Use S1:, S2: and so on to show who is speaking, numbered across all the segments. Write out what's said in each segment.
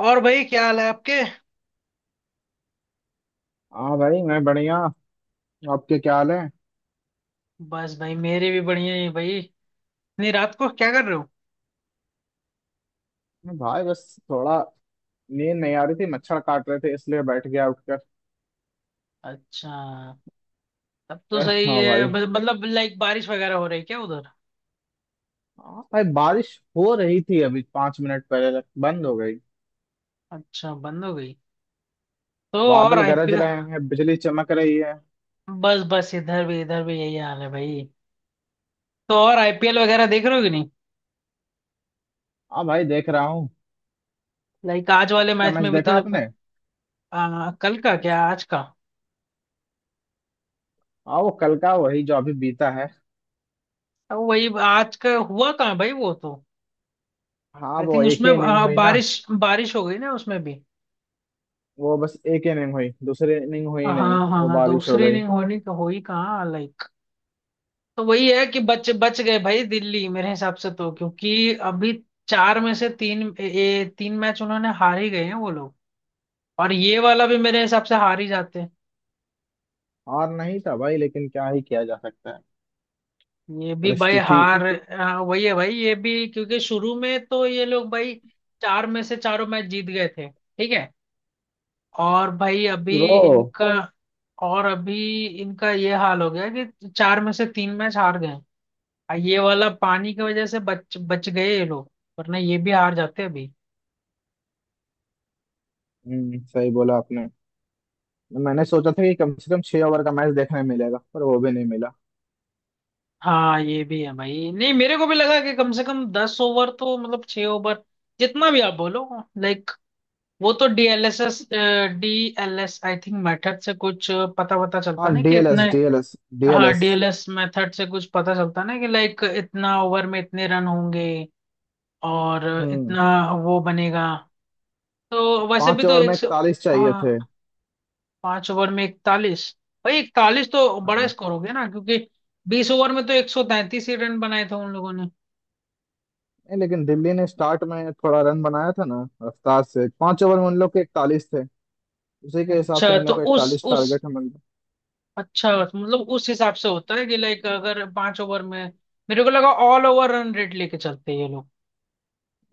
S1: और भाई, क्या हाल है आपके।
S2: हाँ भाई, मैं बढ़िया। आपके क्या हाल है?
S1: बस भाई, मेरे भी बढ़िया ही भाई। इतनी रात को क्या कर रहे हो?
S2: मैं भाई बस थोड़ा नींद नहीं आ रही थी, मच्छर काट रहे थे, इसलिए बैठ गया उठकर।
S1: अच्छा। तब तो सही
S2: हाँ
S1: है।
S2: भाई।
S1: मतलब, लाइक बारिश वगैरह हो रही है क्या उधर?
S2: हाँ भाई, बारिश हो रही थी, अभी 5 मिनट पहले तक बंद हो गई।
S1: अच्छा, बंद हो गई। तो और
S2: बादल गरज
S1: आईपीएल?
S2: रहे हैं, बिजली चमक रही है।
S1: बस बस इधर भी, इधर भी यही हाल है भाई। तो और आईपीएल वगैरह देख रहे हो कि नहीं?
S2: हाँ भाई, देख रहा हूँ।
S1: लाइक आज वाले
S2: क्या
S1: मैच
S2: मैच
S1: में भी
S2: देखा
S1: तो।
S2: आपने?
S1: कल का,
S2: आज।
S1: क्या आज का?
S2: हाँ, वो कल का वही जो अभी बीता है।
S1: अब वही आज का हुआ कहाँ भाई, वो तो।
S2: हाँ,
S1: आई
S2: वो
S1: थिंक
S2: एक
S1: उसमें
S2: ही इनिंग हुई ना।
S1: बारिश। बारिश हो गई ना उसमें भी।
S2: वो बस एक ही इनिंग हुई, दूसरी इनिंग हुई नहीं,
S1: हाँ
S2: वो
S1: हाँ,
S2: बारिश हो
S1: दूसरे
S2: गई।
S1: इनिंग होनी हो ही कहाँ, लाइक। तो वही है कि बच बच गए भाई, दिल्ली मेरे हिसाब से तो, क्योंकि अभी चार में से तीन ए, ए, तीन मैच उन्होंने हार ही गए हैं वो लोग। और ये वाला भी मेरे हिसाब से हार ही जाते हैं।
S2: और नहीं था भाई, लेकिन क्या ही किया जा सकता है।
S1: ये भी भाई
S2: परिस्थिति।
S1: हार। हाँ, वही है भाई, ये भी क्योंकि शुरू में तो ये लोग भाई चार में से चारों मैच जीत गए थे, ठीक है। और भाई अभी।
S2: ब्रो,
S1: इनका। और अभी इनका ये हाल हो गया कि चार में से तीन मैच हार गए। और ये वाला पानी की वजह से बच बच गए ये लोग। वरना ये भी हार जाते अभी।
S2: हम्म, सही बोला आपने। मैंने सोचा था कि कम से कम 6 ओवर का मैच देखने मिलेगा, पर वो भी नहीं मिला।
S1: हाँ, ये भी है भाई। नहीं, मेरे को भी लगा कि कम से कम 10 ओवर, तो मतलब 6 ओवर, जितना भी आप बोलो, लाइक। वो तो डीएलएस आई थिंक मेथड से कुछ पता पता चलता
S2: हाँ,
S1: ना कि इतने।
S2: डीएलएस डीएलएस
S1: हाँ,
S2: डीएलएस।
S1: डीएलएस मेथड से कुछ पता चलता ना कि लाइक इतना ओवर में इतने रन होंगे। और
S2: हम्म।
S1: इतना वो बनेगा। तो वैसे भी
S2: पांच
S1: तो
S2: ओवर में
S1: 100।
S2: 41 चाहिए थे।
S1: हाँ, 5 ओवर में 41। भाई, 41 तो बड़ा
S2: हाँ।
S1: स्कोर हो गया ना, क्योंकि 20 ओवर में तो 133 ही रन बनाए थे उन लोगों।
S2: नहीं लेकिन दिल्ली ने स्टार्ट में थोड़ा रन बनाया था ना रफ्तार से, 5 ओवर में उन लोग के 41 थे। उसी के हिसाब से
S1: अच्छा,
S2: इन
S1: तो
S2: लोग को
S1: उस
S2: 41
S1: उस
S2: टारगेट है मतलब।
S1: अच्छा मतलब उस हिसाब से होता है कि लाइक अगर 5 ओवर में। मेरे को लगा ऑल ओवर रन रेट लेके चलते हैं ये लोग।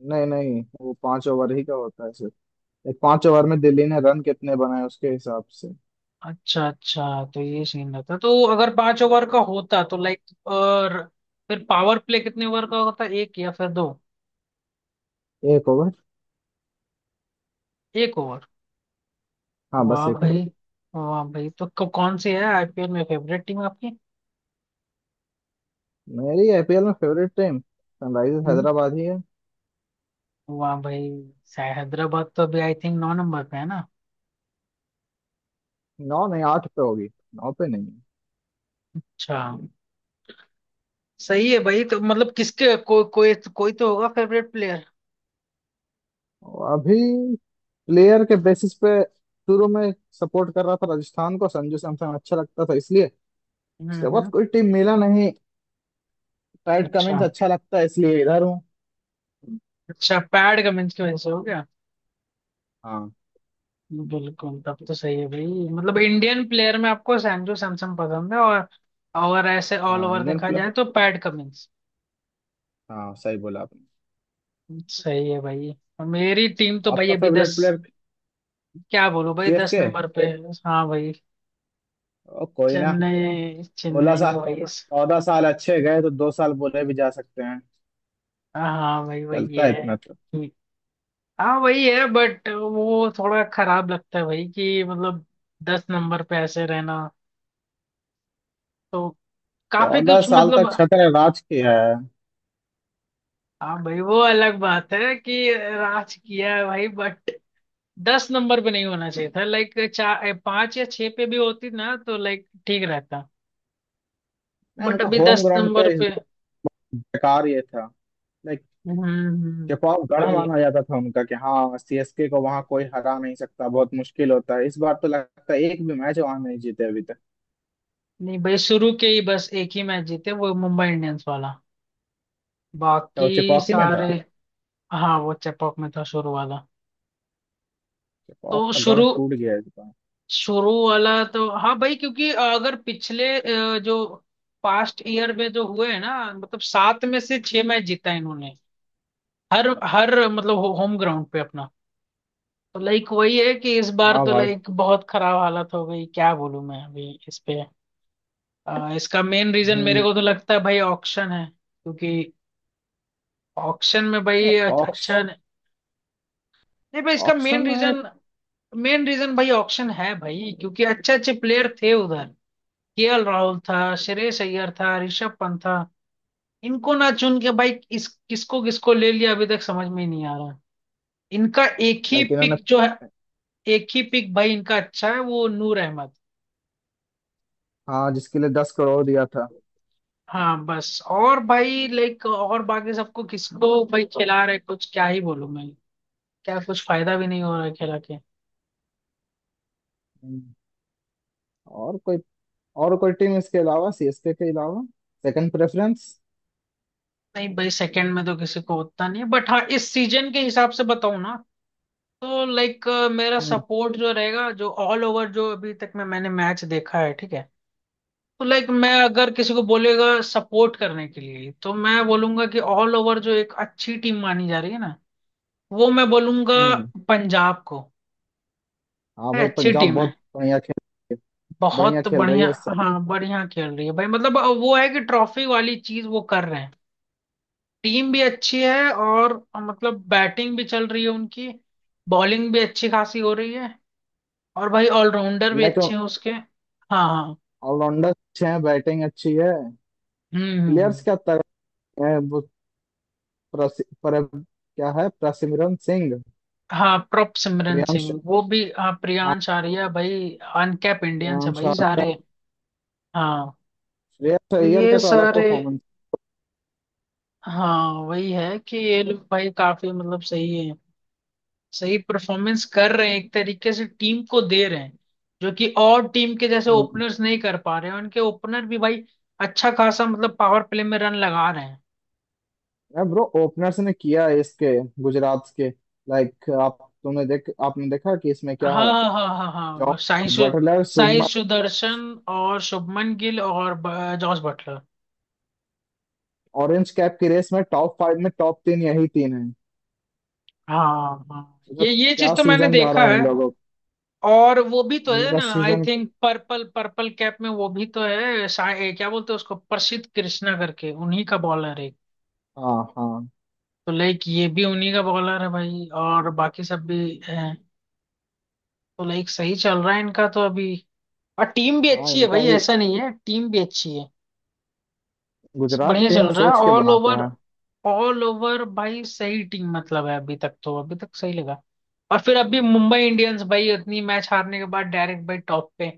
S2: नहीं नहीं, वो पांच ओवर ही का होता है सिर्फ। एक 5 ओवर में दिल्ली ने रन कितने बनाए उसके हिसाब से।
S1: अच्छा अच्छा, तो ये सीन रहता। तो अगर 5 ओवर का होता तो लाइक और फिर पावर प्ले कितने ओवर का होता, 1 या फिर 2?
S2: 1 ओवर।
S1: 1 ओवर।
S2: हाँ, बस
S1: वाह
S2: 1 ओवर।
S1: भाई। वाह भाई, तो कौन सी है आईपीएल में फेवरेट टीम आपकी?
S2: मेरी आईपीएल में favourite team Sunrisers
S1: hmm.
S2: Hyderabad ही है।
S1: वाह भाई। शायद हैदराबाद तो अभी आई थिंक 9 नंबर पे है ना?
S2: 9 नहीं, 8 पे होगी। 9 पे नहीं है।
S1: अच्छा। सही है भाई, तो मतलब किसके को, कोई कोई तो होगा फेवरेट प्लेयर?
S2: और अभी प्लेयर के बेसिस पे शुरू में सपोर्ट कर रहा था राजस्थान को, संजू सैमसन अच्छा लगता था इसलिए।
S1: हम्म,
S2: उसके बाद
S1: हम्म।
S2: कोई टीम मिला नहीं। पैट कमिंग्स
S1: अच्छा।
S2: अच्छा लगता है इसलिए इधर हूँ।
S1: अच्छा, पैड का की वजह से हो गया।
S2: हाँ।
S1: बिल्कुल, तब तो सही है भाई। मतलब इंडियन प्लेयर में आपको सैजू सैमसन पसंद है और ऐसे ऑल
S2: हाँ,
S1: ओवर
S2: इंडियन
S1: देखा
S2: प्लेयर।
S1: जाए तो पैट कमिंस।
S2: हाँ, सही बोला आपने।
S1: सही है भाई। और मेरी टीम तो भाई
S2: आपका
S1: अभी
S2: फेवरेट
S1: 10।
S2: प्लेयर?
S1: क्या बोलूं भाई, दस
S2: सीएसके।
S1: नंबर पे। हाँ भाई।
S2: ओ, कोई ना।
S1: चेन्नई
S2: सोलह
S1: चेन्नई में
S2: साल
S1: भाई।
S2: 14 साल अच्छे गए तो 2 साल बोले भी जा सकते हैं।
S1: हाँ भाई, वही
S2: चलता है
S1: है।
S2: इतना तो।
S1: हाँ, वही है बट वो थोड़ा खराब लगता है भाई कि मतलब 10 नंबर पे ऐसे रहना। तो काफी
S2: चौदह
S1: कुछ
S2: साल
S1: मतलब।
S2: तक छत्र राज किया है।
S1: हाँ भाई, वो अलग बात है कि राज किया है भाई, बट 10 नंबर पे नहीं होना चाहिए था, लाइक 4 5 या 6 पे भी होती ना तो लाइक ठीक रहता।
S2: मैं
S1: बट
S2: उनका
S1: अभी
S2: होम
S1: दस
S2: ग्राउंड पे
S1: नंबर
S2: इस
S1: पे।
S2: बेकार ये था। लाइक,
S1: हम्म,
S2: जवाब गढ़
S1: वही।
S2: माना जाता था उनका कि हाँ, सीएसके को वहां कोई हरा नहीं सकता, बहुत मुश्किल होता है, इस बार तो लगता है एक भी मैच वहां नहीं जीते अभी तक।
S1: नहीं भाई, शुरू के ही बस एक ही मैच जीते, वो मुंबई इंडियंस वाला।
S2: तो वो
S1: बाकी
S2: चेपॉकी में
S1: सारे।
S2: था।
S1: हाँ, वो चेपॉक में था शुरू वाला।
S2: चेपॉक
S1: तो
S2: का गढ़
S1: शुरू,
S2: टूट गया इस बार।
S1: शुरू वाला तो हाँ भाई, क्योंकि अगर पिछले जो पास्ट ईयर में जो हुए हैं ना मतलब 7 में से 6 मैच जीता है इन्होंने, हर हर मतलब होम ग्राउंड पे अपना। तो लाइक वही है कि इस बार
S2: हाँ
S1: तो
S2: भाई।
S1: लाइक बहुत खराब हालत हो गई, क्या बोलूं मैं अभी इस पे। इसका मेन रीजन मेरे
S2: हम्म।
S1: को तो लगता है भाई ऑक्शन है, क्योंकि ऑक्शन में भाई
S2: नहीं, ऑक्श
S1: अच्छा नहीं। नहीं भाई, इसका मेन
S2: ऑक्शन में।
S1: रीजन, मेन रीजन भाई ऑक्शन है भाई, क्योंकि अच्छे अच्छे प्लेयर थे उधर। केएल राहुल था, श्रेयस अय्यर था, ऋषभ पंत था। इनको ना चुन के भाई, इस किसको किसको ले लिया अभी तक समझ में ही नहीं आ रहा। इनका एक ही
S2: लाइक इन्होंने।
S1: पिक जो है, एक ही पिक भाई इनका अच्छा है, वो नूर अहमद।
S2: हाँ, जिसके लिए 10 करोड़ दिया था।
S1: हाँ बस, और भाई लाइक और बाकी सबको किसको भाई खिला रहे, कुछ क्या ही बोलूं मैं। क्या, कुछ फायदा भी नहीं हो रहा है खिला के।
S2: हम्म, और कोई और कोई टीम इसके अलावा, सीएसके के अलावा, सेकंड प्रेफरेंस?
S1: नहीं भाई, सेकंड में तो किसी को उतना नहीं है, बट हाँ, इस सीजन के हिसाब से बताऊं ना, तो लाइक मेरा
S2: हम्म
S1: सपोर्ट जो रहेगा, जो ऑल ओवर जो अभी तक में मैंने मैच देखा है, ठीक है। तो लाइक मैं अगर किसी को बोलेगा सपोर्ट करने के लिए, तो मैं बोलूंगा कि ऑल ओवर जो एक अच्छी टीम मानी जा रही है ना, वो मैं बोलूंगा
S2: हम्म।
S1: पंजाब को।
S2: हाँ
S1: ये
S2: भाई,
S1: अच्छी
S2: पंजाब
S1: टीम है।
S2: बहुत बढ़िया खेल, बढ़िया
S1: बहुत
S2: खेल रही
S1: बढ़िया।
S2: है सब।
S1: हाँ, बढ़िया खेल रही है भाई, मतलब वो है कि ट्रॉफी वाली चीज वो कर रहे हैं। टीम भी अच्छी है और मतलब बैटिंग भी चल रही है उनकी। बॉलिंग भी अच्छी खासी हो रही है। और भाई ऑलराउंडर भी
S2: लाइक,
S1: अच्छे हैं उसके। हाँ हाँ।
S2: ऑलराउंडर अच्छे हैं, बैटिंग अच्छी है।
S1: हम्म,
S2: प्लेयर्स क्या तगड़े हैं वो। क्या है, प्रसिमरन सिंह?
S1: हाँ, प्रॉप सिमरन
S2: प्रियांश,
S1: सिंह वो भी, हाँ
S2: हाँ,
S1: प्रियांश आर्या भाई। अनकैप इंडियंस है
S2: प्रियांश
S1: भाई
S2: आर्या।
S1: सारे। हाँ।
S2: श्रेयस
S1: तो
S2: अय्यर
S1: ये
S2: का तो अलग
S1: सारे।
S2: परफॉर्मेंस।
S1: हाँ, वही है कि ये लोग भाई काफी मतलब सही है, सही परफॉर्मेंस कर रहे हैं एक तरीके से टीम को दे रहे हैं, जो कि और टीम के जैसे
S2: हम्म।
S1: ओपनर्स नहीं कर पा रहे हैं। उनके ओपनर भी भाई अच्छा खासा मतलब पावर प्ले में रन लगा रहे हैं।
S2: ब्रो, ओपनर्स ने किया है इसके, गुजरात के। लाइक आप तुमने देख आपने देखा कि इसमें
S1: हाँ
S2: क्या है?
S1: हाँ हाँ हाँ हाँ,
S2: जॉस
S1: वो
S2: बटलर,
S1: साई
S2: शुभमन।
S1: सुदर्शन और शुभमन गिल और जॉस बटलर।
S2: ऑरेंज कैप की रेस में टॉप 5 में, टॉप 3 यही तीन है।
S1: हाँ हाँ।
S2: सोचो,
S1: ये
S2: क्या
S1: चीज तो मैंने
S2: सीजन जा रहा
S1: देखा
S2: है
S1: है।
S2: इन लोगों का।
S1: और वो भी तो
S2: इन लोगों
S1: है
S2: का
S1: ना, I
S2: season.
S1: Think purple purple cap में वो भी तो है क्या बोलते हैं उसको, प्रसिद्ध कृष्णा करके उन्हीं का बॉलर है।
S2: हाँ हाँ।
S1: तो लाइक ये भी उन्हीं का बॉलर है भाई और बाकी सब भी हैं। तो लाइक सही चल रहा है इनका तो अभी। और टीम भी
S2: हाँ,
S1: अच्छी है
S2: इनका
S1: भाई,
S2: भी,
S1: ऐसा नहीं है, टीम भी अच्छी है।
S2: गुजरात
S1: बढ़िया चल
S2: टीम
S1: रहा है
S2: सोच के
S1: ऑल ओवर।
S2: बनाता है।
S1: ऑल ओवर भाई सही टीम मतलब है अभी तक, तो अभी तक सही लगा। और फिर अभी मुंबई इंडियंस भाई इतनी मैच हारने के बाद डायरेक्ट भाई टॉप पे।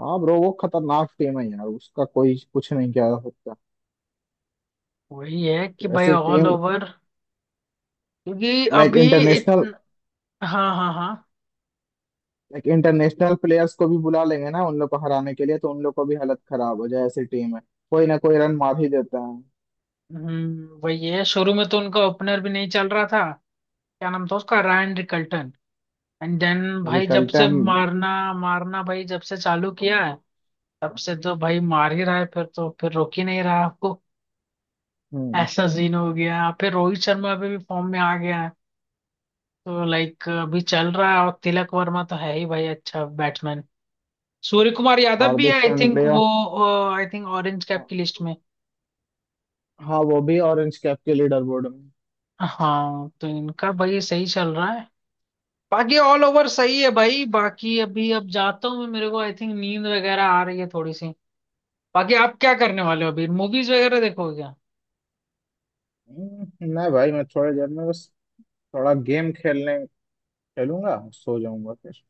S2: हाँ ब्रो, वो खतरनाक टीम है यार, उसका कोई कुछ नहीं किया जा सकता।
S1: वही है कि
S2: तो
S1: भाई
S2: ऐसी
S1: ऑल
S2: टीम,
S1: ओवर, क्योंकि
S2: लाइक
S1: अभी
S2: इंटरनेशनल,
S1: इतना। हाँ हाँ हाँ।
S2: लाइक इंटरनेशनल प्लेयर्स को भी बुला लेंगे ना उन लोग को हराने के लिए, तो उन लोग को भी हालत खराब हो जाए, ऐसी टीम है। कोई ना कोई रन मार ही देता है।
S1: हम्म, वही है, शुरू में तो उनका ओपनर भी नहीं चल रहा था। क्या नाम था उसका, रायन रिकल्टन। एंड देन भाई, जब से
S2: रिकल्टन।
S1: मारना, मारना भाई जब से चालू किया है, तब से तो भाई मार ही रहा है, फिर तो फिर रोक ही नहीं रहा आपको।
S2: हम्म।
S1: ऐसा सीन हो गया, फिर रोहित शर्मा अभी भी फॉर्म में आ गया है। तो लाइक अभी चल रहा है, और तिलक वर्मा तो है ही भाई अच्छा बैट्समैन। सूर्य कुमार यादव भी है
S2: हार्दिक
S1: आई थिंक
S2: पांड्या।
S1: वो, आई थिंक ऑरेंज कैप की लिस्ट में।
S2: हाँ, वो भी ऑरेंज कैप के लीडर बोर्ड में।
S1: हाँ, तो इनका भाई सही चल रहा है। बाकी ऑल ओवर सही है भाई। बाकी अभी अब जाता हूँ मैं, मेरे को आई थिंक नींद वगैरह आ रही है थोड़ी सी। बाकी आप क्या करने वाले हो अभी, मूवीज वगैरह देखोगे क्या?
S2: हम्म, नहीं भाई, मैं थोड़ी देर में बस थोड़ा गेम खेलने खेलूंगा, सो जाऊंगा फिर।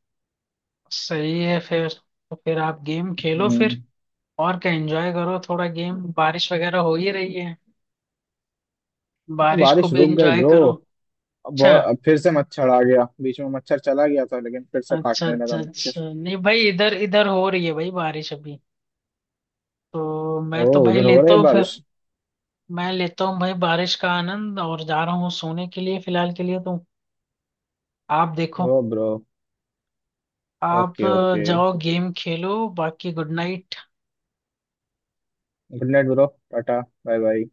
S1: सही है फिर। तो फिर आप गेम खेलो फिर
S2: हम्म।
S1: और क्या, एंजॉय करो थोड़ा गेम, बारिश वगैरह हो ही रही है, बारिश को
S2: बारिश
S1: भी
S2: रुक गई
S1: एंजॉय
S2: ब्रो।
S1: करो। अच्छा,
S2: बहुत फिर से मच्छर आ गया, बीच में मच्छर चला गया था लेकिन फिर से
S1: अच्छा,
S2: काटने लगा
S1: अच्छा, अच्छा,
S2: मच्छर।
S1: नहीं भाई इधर, इधर हो रही है भाई बारिश अभी। तो मैं
S2: ओ,
S1: तो भाई
S2: उधर हो रही
S1: लेता
S2: है
S1: हूँ
S2: बारिश।
S1: फिर, मैं लेता हूँ भाई बारिश का आनंद और जा रहा हूँ सोने के लिए फिलहाल के लिए तो। आप देखो,
S2: ओ ब्रो।
S1: आप
S2: ओके, ओके।
S1: जाओ गेम खेलो, बाकी good night.
S2: Good night bro. टाटा। Bye bye.